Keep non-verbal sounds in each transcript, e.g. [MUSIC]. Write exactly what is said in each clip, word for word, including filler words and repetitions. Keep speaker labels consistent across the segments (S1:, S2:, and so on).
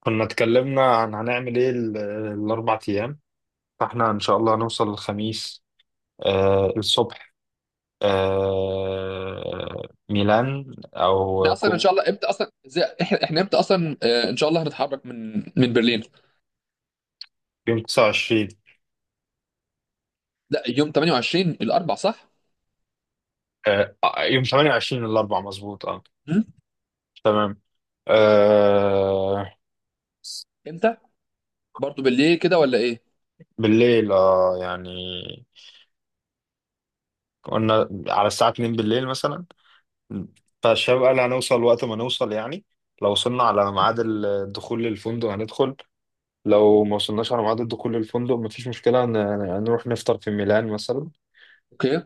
S1: كنا اتكلمنا عن هنعمل ايه ال- الاربع ايام. فاحنا ان شاء الله هنوصل الخميس، آه الصبح. آه. ميلان
S2: احنا
S1: او
S2: اصلا ان
S1: كومو.
S2: شاء الله امتى اصلا زي احنا احنا امتى اصلا آه، ان شاء الله هنتحرك من من برلين.
S1: يوم تسعة وعشرين.
S2: لا، يوم ثمانية وعشرين الاربع، صح؟
S1: آه، آه، يوم ثمانية وعشرين الاربع مظبوط، اه
S2: هم؟
S1: تمام. آه.
S2: امتى؟ برضو بالليل كده ولا ايه؟
S1: بالليل، اه يعني قلنا على الساعة اتنين بالليل مثلا. فالشباب قال هنوصل وقت ما نوصل يعني. لو وصلنا على ميعاد الدخول للفندق هندخل. لو ما وصلناش على ميعاد دخول الفندق مفيش مشكلة، ن- ن- نروح نفطر في ميلان مثلا.
S2: اوكي،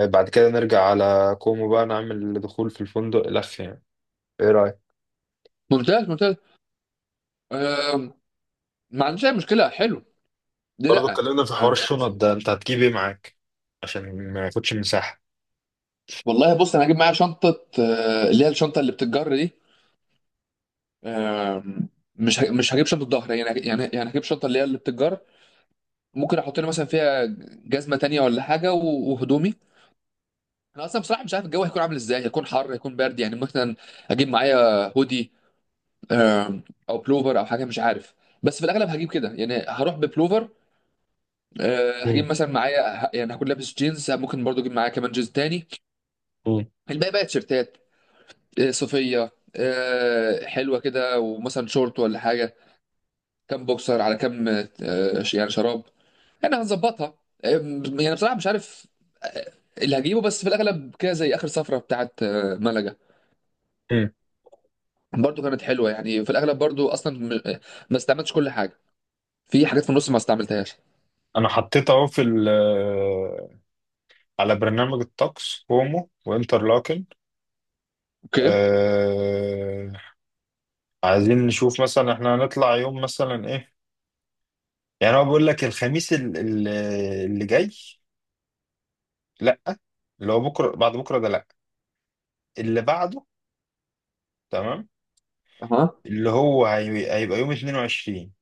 S1: بعد كده نرجع على كومو بقى، نعمل دخول في الفندق لف يعني. ايه رأيك؟
S2: ممتاز ممتاز. آم، ما عنديش اي مشكله، حلو. دي
S1: برضه
S2: لا.
S1: اتكلمنا في حوار
S2: يعني
S1: الشنط ده، انت هتجيب ايه معاك عشان ما ياخدش مساحة.
S2: والله بص، انا هجيب معايا شنطه، آه، اللي هي الشنطه اللي بتتجر دي. آم، مش ه- مش هجيب شنطه ظهر يعني، يعني يعني هجيب شنطه اللي هي اللي بتتجر. ممكن احط لي مثلا فيها جزمه تانية ولا حاجه و- وهدومي. انا اصلا بصراحه مش عارف الجو هيكون عامل ازاي، هيكون حر، هيكون برد يعني. مثلا اجيب معايا هودي، آم، او بلوفر او حاجه، مش عارف. بس في الاغلب هجيب كده يعني، هروح ببلوفر. آه، هجيب
S1: مم.
S2: مثلا معايا ه- يعني هكون لابس جينز، ممكن برضو اجيب معايا كمان جينز تاني.
S1: مم.
S2: الباقي بقى تيشيرتات، آه، صوفيه، آه، حلوه كده، ومثلا شورت ولا حاجه، كام بوكسر على كام، آه، ش- يعني شراب. يعني هنظبطها. آم، يعني بصراحه مش عارف آه، اللي هجيبه، بس في الاغلب كده زي اخر سفره بتاعت آه، ملقا.
S1: مم.
S2: برضو كانت حلوه يعني، في الاغلب برضو اصلا م- ما استعملتش كل حاجه. في حاجات في النص ما استعملتهاش.
S1: انا حطيت اهو في ال، على برنامج الطقس كومو وانترلاكن.
S2: اوكي.
S1: أه. عايزين نشوف مثلا احنا هنطلع يوم مثلا ايه. يعني هو بيقول لك الخميس ال- ال- اللي جاي. لا، اللي هو بكره بعد بكره ده لا، اللي بعده. تمام.
S2: اها.
S1: اللي هو هي- هيبقى يوم اتنين وعشرين.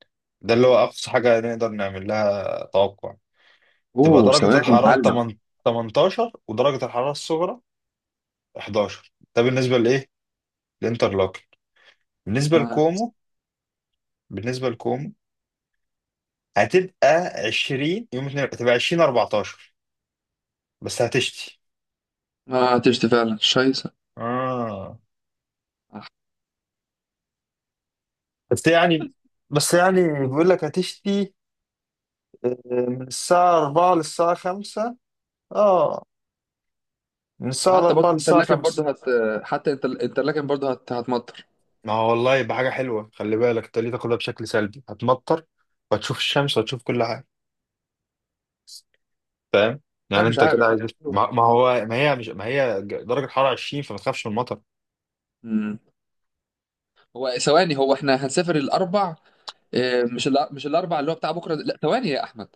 S1: ده اللي هو اقصى حاجه نقدر نعمل لها توقع. تبقى
S2: اوه،
S1: درجه
S2: ثواني
S1: الحراره
S2: اتعلم.
S1: تمانية، تمنتاشر، ودرجه الحراره الصغرى حداشر. ده بالنسبه لايه؟ للانترلوكن. بالنسبه
S2: آه.
S1: لكومو، بالنسبه لكومو هتبقى عشرين. يوم اتنين هتبقى عشرين، اربعة عشر. بس هتشتي.
S2: ما هتشتي فعلا، شايسه.
S1: اه.
S2: آه.
S1: بس يعني بس يعني بيقول لك هتشتي، آه، من الساعة اربعة للساعة خمسة. اه. من الساعة
S2: وحتى برضو
S1: أربعة للساعة
S2: الانترلاكن
S1: خمسة.
S2: برضو هت حتى الانتر- الانترلاكن برضو هت... هتمطر.
S1: ما هو والله يبقى حاجة حلوة. خلي بالك انت ليه تاخدها بشكل سلبي؟ هتمطر، وهتشوف الشمس، وهتشوف كل حاجة. فاهم؟
S2: لا،
S1: يعني
S2: مش
S1: انت كده
S2: عارف.
S1: عايز. ما ما هو، ما هي مش ما هي، ج- درجة حرارة عشرين، فما تخافش من المطر.
S2: مم. هو ثواني، هو احنا هنسافر الاربع؟ آه، مش الأ- مش الاربع اللي هو بتاع بكره ده. لا ثواني يا احمد،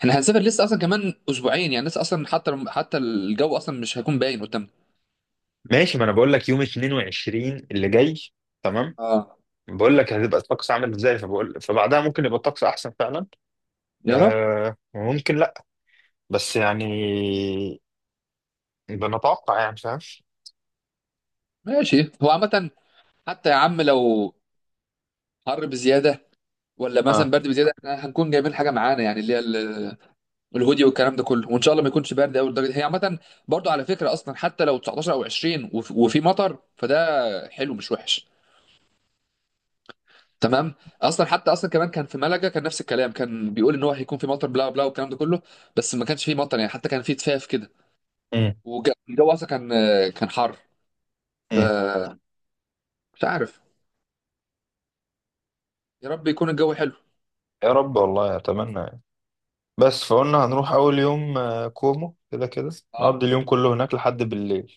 S2: احنا هنسافر لسه اصلا كمان اسبوعين يعني، لسه اصلا حتى حتى الجو اصلا مش هيكون باين قدامنا.
S1: ماشي. ما انا بقول لك يوم اتنين وعشرين اللي جاي. تمام.
S2: اه.
S1: بقول لك هتبقى الطقس عامل ازاي، فبقول فبعدها ممكن يبقى الطقس احسن فعلا.
S2: يا رب.
S1: آه، وممكن لا. بس يعني بنتوقع يعني، فاهم؟
S2: ماشي، هو عامة حتى يا عم، لو حر بزياده ولا
S1: اه.
S2: مثلا برد بزياده، احنا هنكون جايبين حاجه معانا يعني، اللي هي ال- الهودي والكلام ده كله، وان شاء الله ما يكونش برد قوي لدرجه. هي عامه برضو، على فكره اصلا، حتى لو تسعتاشر او عشرين وف- وفي مطر، فده حلو، مش وحش. تمام. اصلا حتى اصلا كمان كان في ملقا كان نفس الكلام، كان بيقول ان هو هيكون في مطر بلا بلا، والكلام ده كله. بس ما كانش فيه مطر يعني، حتى كان فيه تفاف كده،
S1: امم.
S2: والجو اصلا كان كان حر.
S1: امم.
S2: فمش عارف، يا رب يكون الجو حلو.
S1: يا رب والله اتمنى. بس فقلنا هنروح أول يوم، آه، كومو كده كده.
S2: اه،
S1: نقضي اليوم كله هناك لحد بالليل.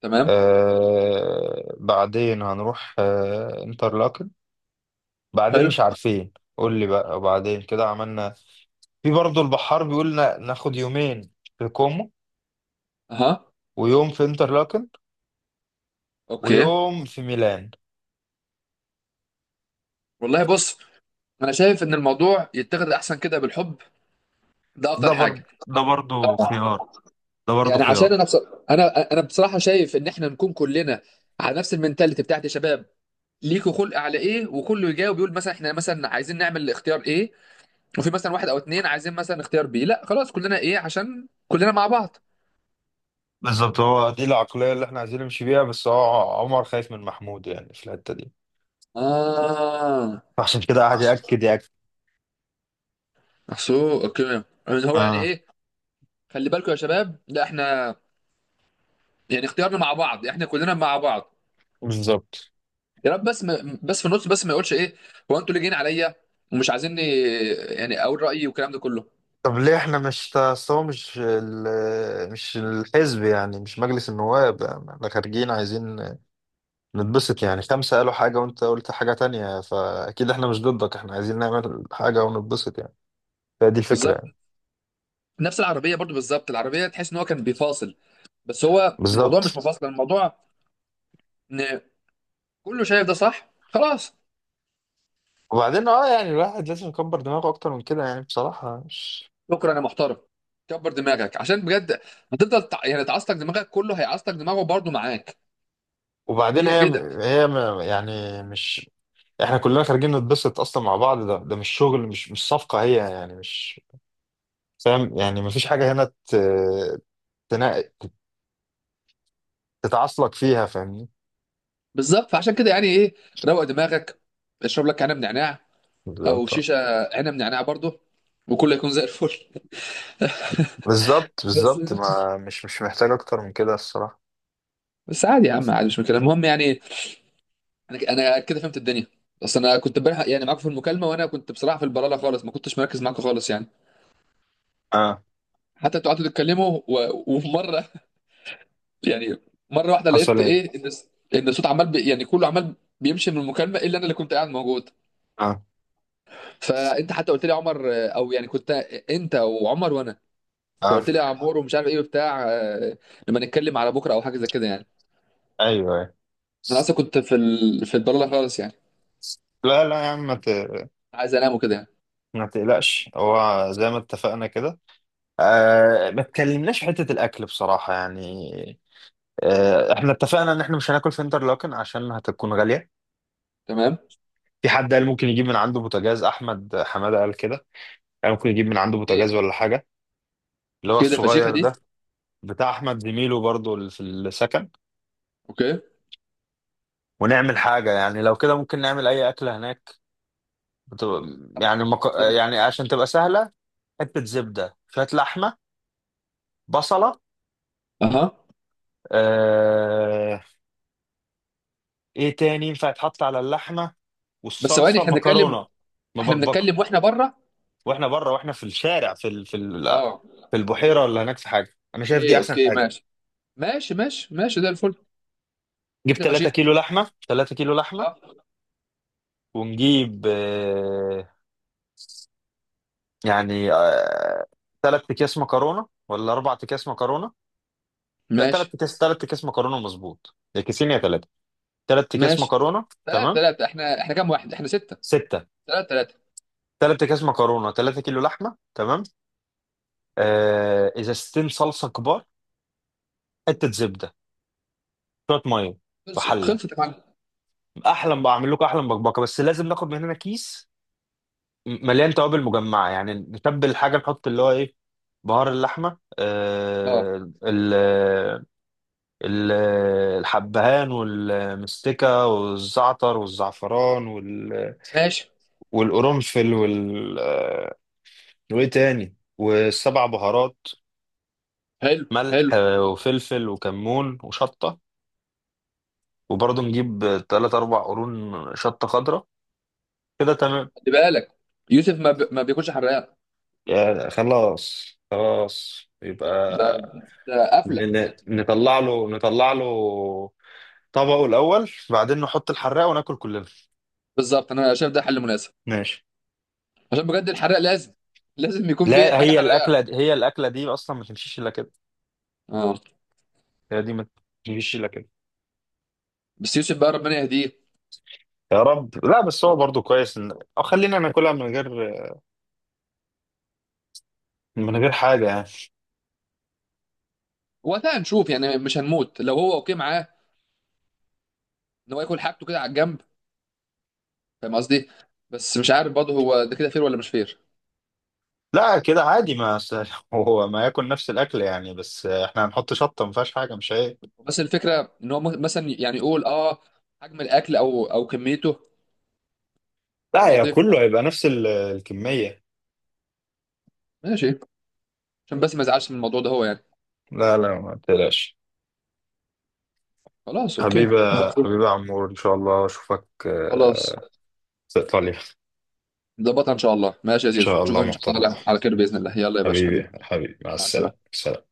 S2: تمام.
S1: آه، بعدين هنروح، آه، انترلاكن. بعدين
S2: حلو.
S1: مش عارفين، قول لي بقى وبعدين كده عملنا. في برضه البحار بيقول نا- ناخد يومين في كومو،
S2: اها.
S1: ويوم في انترلاكن،
S2: اوكي.
S1: ويوم في ميلان.
S2: والله بص، انا شايف ان الموضوع يتاخد احسن كده بالحب. ده
S1: ده
S2: افضل
S1: برضه
S2: حاجه.
S1: ده برضه خيار ده برضه
S2: يعني
S1: خيار
S2: عشان انا بص. انا انا بصراحه شايف ان احنا نكون كلنا على نفس المنتاليتي، بتاعت يا شباب ليكوا خلق على ايه، وكله يجاوب، يقول مثلا احنا مثلا عايزين نعمل اختيار ايه، وفي مثلا واحد او اتنين عايزين مثلا اختيار بي، لا خلاص كلنا ايه، عشان كلنا مع بعض.
S1: بالظبط. هو دي العقلية اللي احنا عايزين نمشي بيها، بس هو عمر خايف من محمود يعني في الحتة دي.
S2: اه.
S1: عشان كده قاعد يأكد،
S2: احسو، اوكي يعني. هو يعني
S1: يأكد
S2: ايه، خلي بالكم يا شباب، لا احنا يعني اختيارنا مع بعض، احنا كلنا مع بعض.
S1: بالظبط.
S2: يا رب بس، ما بس في النص بس ما يقولش ايه، هو انتوا اللي جايين عليا ومش عايزيني يعني اقول رايي، والكلام ده كله.
S1: طب ليه احنا مش تا- أصل هو مش ال... مش الحزب يعني، مش مجلس النواب يعني. احنا خارجين عايزين نتبسط يعني. خمسة قالوا حاجة وانت قلت حاجة تانية، فأكيد احنا مش ضدك. احنا عايزين نعمل حاجة ونتبسط يعني. فدي الفكرة
S2: بالظبط.
S1: يعني.
S2: نفس العربيه برضو بالظبط، العربيه تحس ان هو كان بيفاصل، بس هو الموضوع مش
S1: بالظبط.
S2: مفاصل، الموضوع ان كله شايف ده صح، خلاص.
S1: وبعدين اه يعني الواحد لازم يكبر دماغه أكتر من كده يعني، بصراحة مش.
S2: شكرا يا محترم، كبر دماغك عشان بجد هتفضل تع- يعني تعصتك دماغك، كله هيعصتك دماغه برضو معاك.
S1: وبعدين
S2: هي
S1: هي،
S2: كده.
S1: هي م- يعني مش. احنا كلنا خارجين نتبسط أصلا مع بعض. ده ده مش شغل، مش مش صفقة هي يعني مش. فاهم يعني؟ مفيش حاجة هنا تنا... تتعصلك فيها، فاهمني؟
S2: بالظبط، فعشان كده يعني ايه، روق دماغك، اشرب لك عنب نعناع، او
S1: بالظبط،
S2: شيشه، عنب نعناع برضو، وكله يكون زي الفل.
S1: بالظبط، بالظبط.
S2: [LAUGHS] بس.
S1: ما مش مش محتاج اكتر من كده الصراحة.
S2: بس عادي يا عم، عادي، مش مشكله، المهم يعني انا انا كده فهمت الدنيا. بس انا كنت امبارح يعني معاكم في المكالمه، وانا كنت بصراحه في البلاله خالص، ما كنتش مركز معاكم خالص يعني.
S1: اه.
S2: حتى انتوا قعدتوا تتكلموا و... ومره [LAUGHS] يعني مره واحده
S1: حصل
S2: لقيت
S1: ايه؟
S2: ايه، ان الس- ان الصوت عمال بي... يعني كله عمال بيمشي من المكالمه، الا انا اللي كنت قاعد موجود.
S1: اه.
S2: فانت حتى قلت لي يا عمر، او يعني كنت انت وعمر وانا،
S1: اه.
S2: فقلت لي يا عمور ومش عارف ايه وبتاع، آه، لما نتكلم على بكره او حاجه زي كده يعني.
S1: ايوه، أيوة.
S2: انا اصلا كنت في ال... في البلاله خالص يعني،
S1: لا، لا يا عم، ما ت-
S2: عايز انام وكده يعني.
S1: ما تقلقش، هو زي ما اتفقنا كده. آه، ما اتكلمناش في حتة الأكل بصراحة يعني. آه، احنا اتفقنا إن احنا مش هناكل في انترلاكن عشان هتكون غالية.
S2: تمام.
S1: في حد قال ممكن يجيب من عنده بوتاجاز، أحمد حمادة قال كده. قال ممكن يجيب من عنده
S2: ايه.
S1: بوتاجاز ولا حاجة. اللي هو
S2: اوكي، ده فشيخه
S1: الصغير
S2: دي.
S1: ده، بتاع احمد زميله برضو اللي في السكن.
S2: اوكي.
S1: ونعمل حاجه يعني. لو كده ممكن نعمل اي اكله هناك. بتبقى يعني مك...
S2: طب.
S1: يعني عشان تبقى سهله. حته زبده، شويه لحمه، بصله،
S2: اها.
S1: آه، ايه تاني ينفع يتحط على اللحمه؟
S2: بس ثواني،
S1: والصلصه،
S2: احنا بنتكلم،
S1: مكرونه
S2: احنا
S1: مبكبكه.
S2: بنتكلم واحنا بره.
S1: واحنا بره، واحنا في الشارع، في ال... في ال...
S2: اه.
S1: في البحيره، ولا هناك، في حاجه. انا شايف دي
S2: اوكي
S1: احسن
S2: اوكي،
S1: حاجه.
S2: ماشي ماشي ماشي ماشي، زي الفل.
S1: نجيب
S2: شكل
S1: ثلاثة
S2: فشيخ.
S1: كيلو لحمه، ثلاثة كيلو لحمه.
S2: اه.
S1: ونجيب، آه، يعني، آه، تلات اكياس مكرونه ولا اربع اكياس مكرونه؟ لا، تلات
S2: ماشي.
S1: اكياس، تلات اكياس مكرونه مظبوط، يا كيسين يا تلاته، تلات اكياس
S2: ماشي.
S1: مكرونه
S2: ثلاثة
S1: تمام.
S2: ثلاثة، احنا احنا كام واحد؟ احنا ستة.
S1: سته.
S2: ثلاثة ثلاثة.
S1: تلات اكياس مكرونه، تلاتة كيلو لحمه تمام. آه، ازازتين صلصه كبار، حته زبده، شويه ميه، في
S2: خلصت
S1: حله.
S2: خلصت يا معلم.
S1: احلى بعمل لكم احلى بكبكه، بس لازم ناخد من هنا كيس م- مليان توابل مجمعه يعني، نتبل الحاجه، نحط اللي هو ايه، بهار اللحمه،
S2: اه،
S1: آه ال- ال- الحبهان والمستكة والزعتر والزعفران، وال-
S2: ماشي.
S1: والقرنفل، وال آه، وايه تاني، والسبع بهارات،
S2: حلو
S1: ملح،
S2: حلو.
S1: آه، وفلفل وكمون وشطة. وبرضه نجيب تلات أربع قرون شطة خضراء. كده تمام.
S2: خلي بالك، يوسف ما, ب... ما بياكلش حراق.
S1: يعني خلاص، خلاص
S2: ده
S1: يبقى،
S2: ده قفلة.
S1: ن- ن- نطلع له، نطلع له طبقه الأول، بعدين نحط الحراق وناكل كلنا.
S2: بالظبط، انا شايف ده حل مناسب.
S1: ماشي.
S2: عشان بجد الحراق لازم، لازم يكون في
S1: لا،
S2: حاجة
S1: هي الاكله
S2: حراقة.
S1: دي، هي الاكله دي اصلا ما تمشيش الا كده.
S2: اه.
S1: هي دي ما تمشيش الا كده.
S2: بس يوسف بقى، ربنا يهديه.
S1: يا رب. لا، بس هو برضو كويس ان او خلينا ناكلها من غير، من غير حاجه يعني.
S2: وقتها هنشوف يعني، مش هنموت لو هو اوكي معاه ان هو ياكل حاجته كده على الجنب، فاهم قصدي. بس مش عارف برضه هو ده كده فير ولا مش فير.
S1: لا كده عادي، ما س- [LAUGHS] هو ما ياكل نفس الاكل يعني، بس احنا هنحط شطه ما فيهاش حاجه مش هي.
S2: بس الفكره ان هو م- مثلا يعني يقول اه حجم الاكل او او كميته،
S1: لا،
S2: فاهم
S1: يا
S2: قصدي.
S1: كله هيبقى نفس ال- الكميه.
S2: ماشي، عشان بس ما يزعلش من الموضوع ده هو يعني.
S1: لا، لا، ما تقلقش.
S2: خلاص اوكي.
S1: حبيبة، حبيبة عمور، إن شاء الله أشوفك،
S2: خلاص.
S1: آه، في إيطاليا إن
S2: نظبطها ان شاء الله. ماشي يا زيزو،
S1: شاء
S2: نشوفك
S1: الله
S2: ان شاء
S1: محترم.
S2: الله على على خير باذن الله. يلا يا باشا حبيبي،
S1: حبيبي حبيبي، مع
S2: مع السلامه.
S1: السلامة، سلام.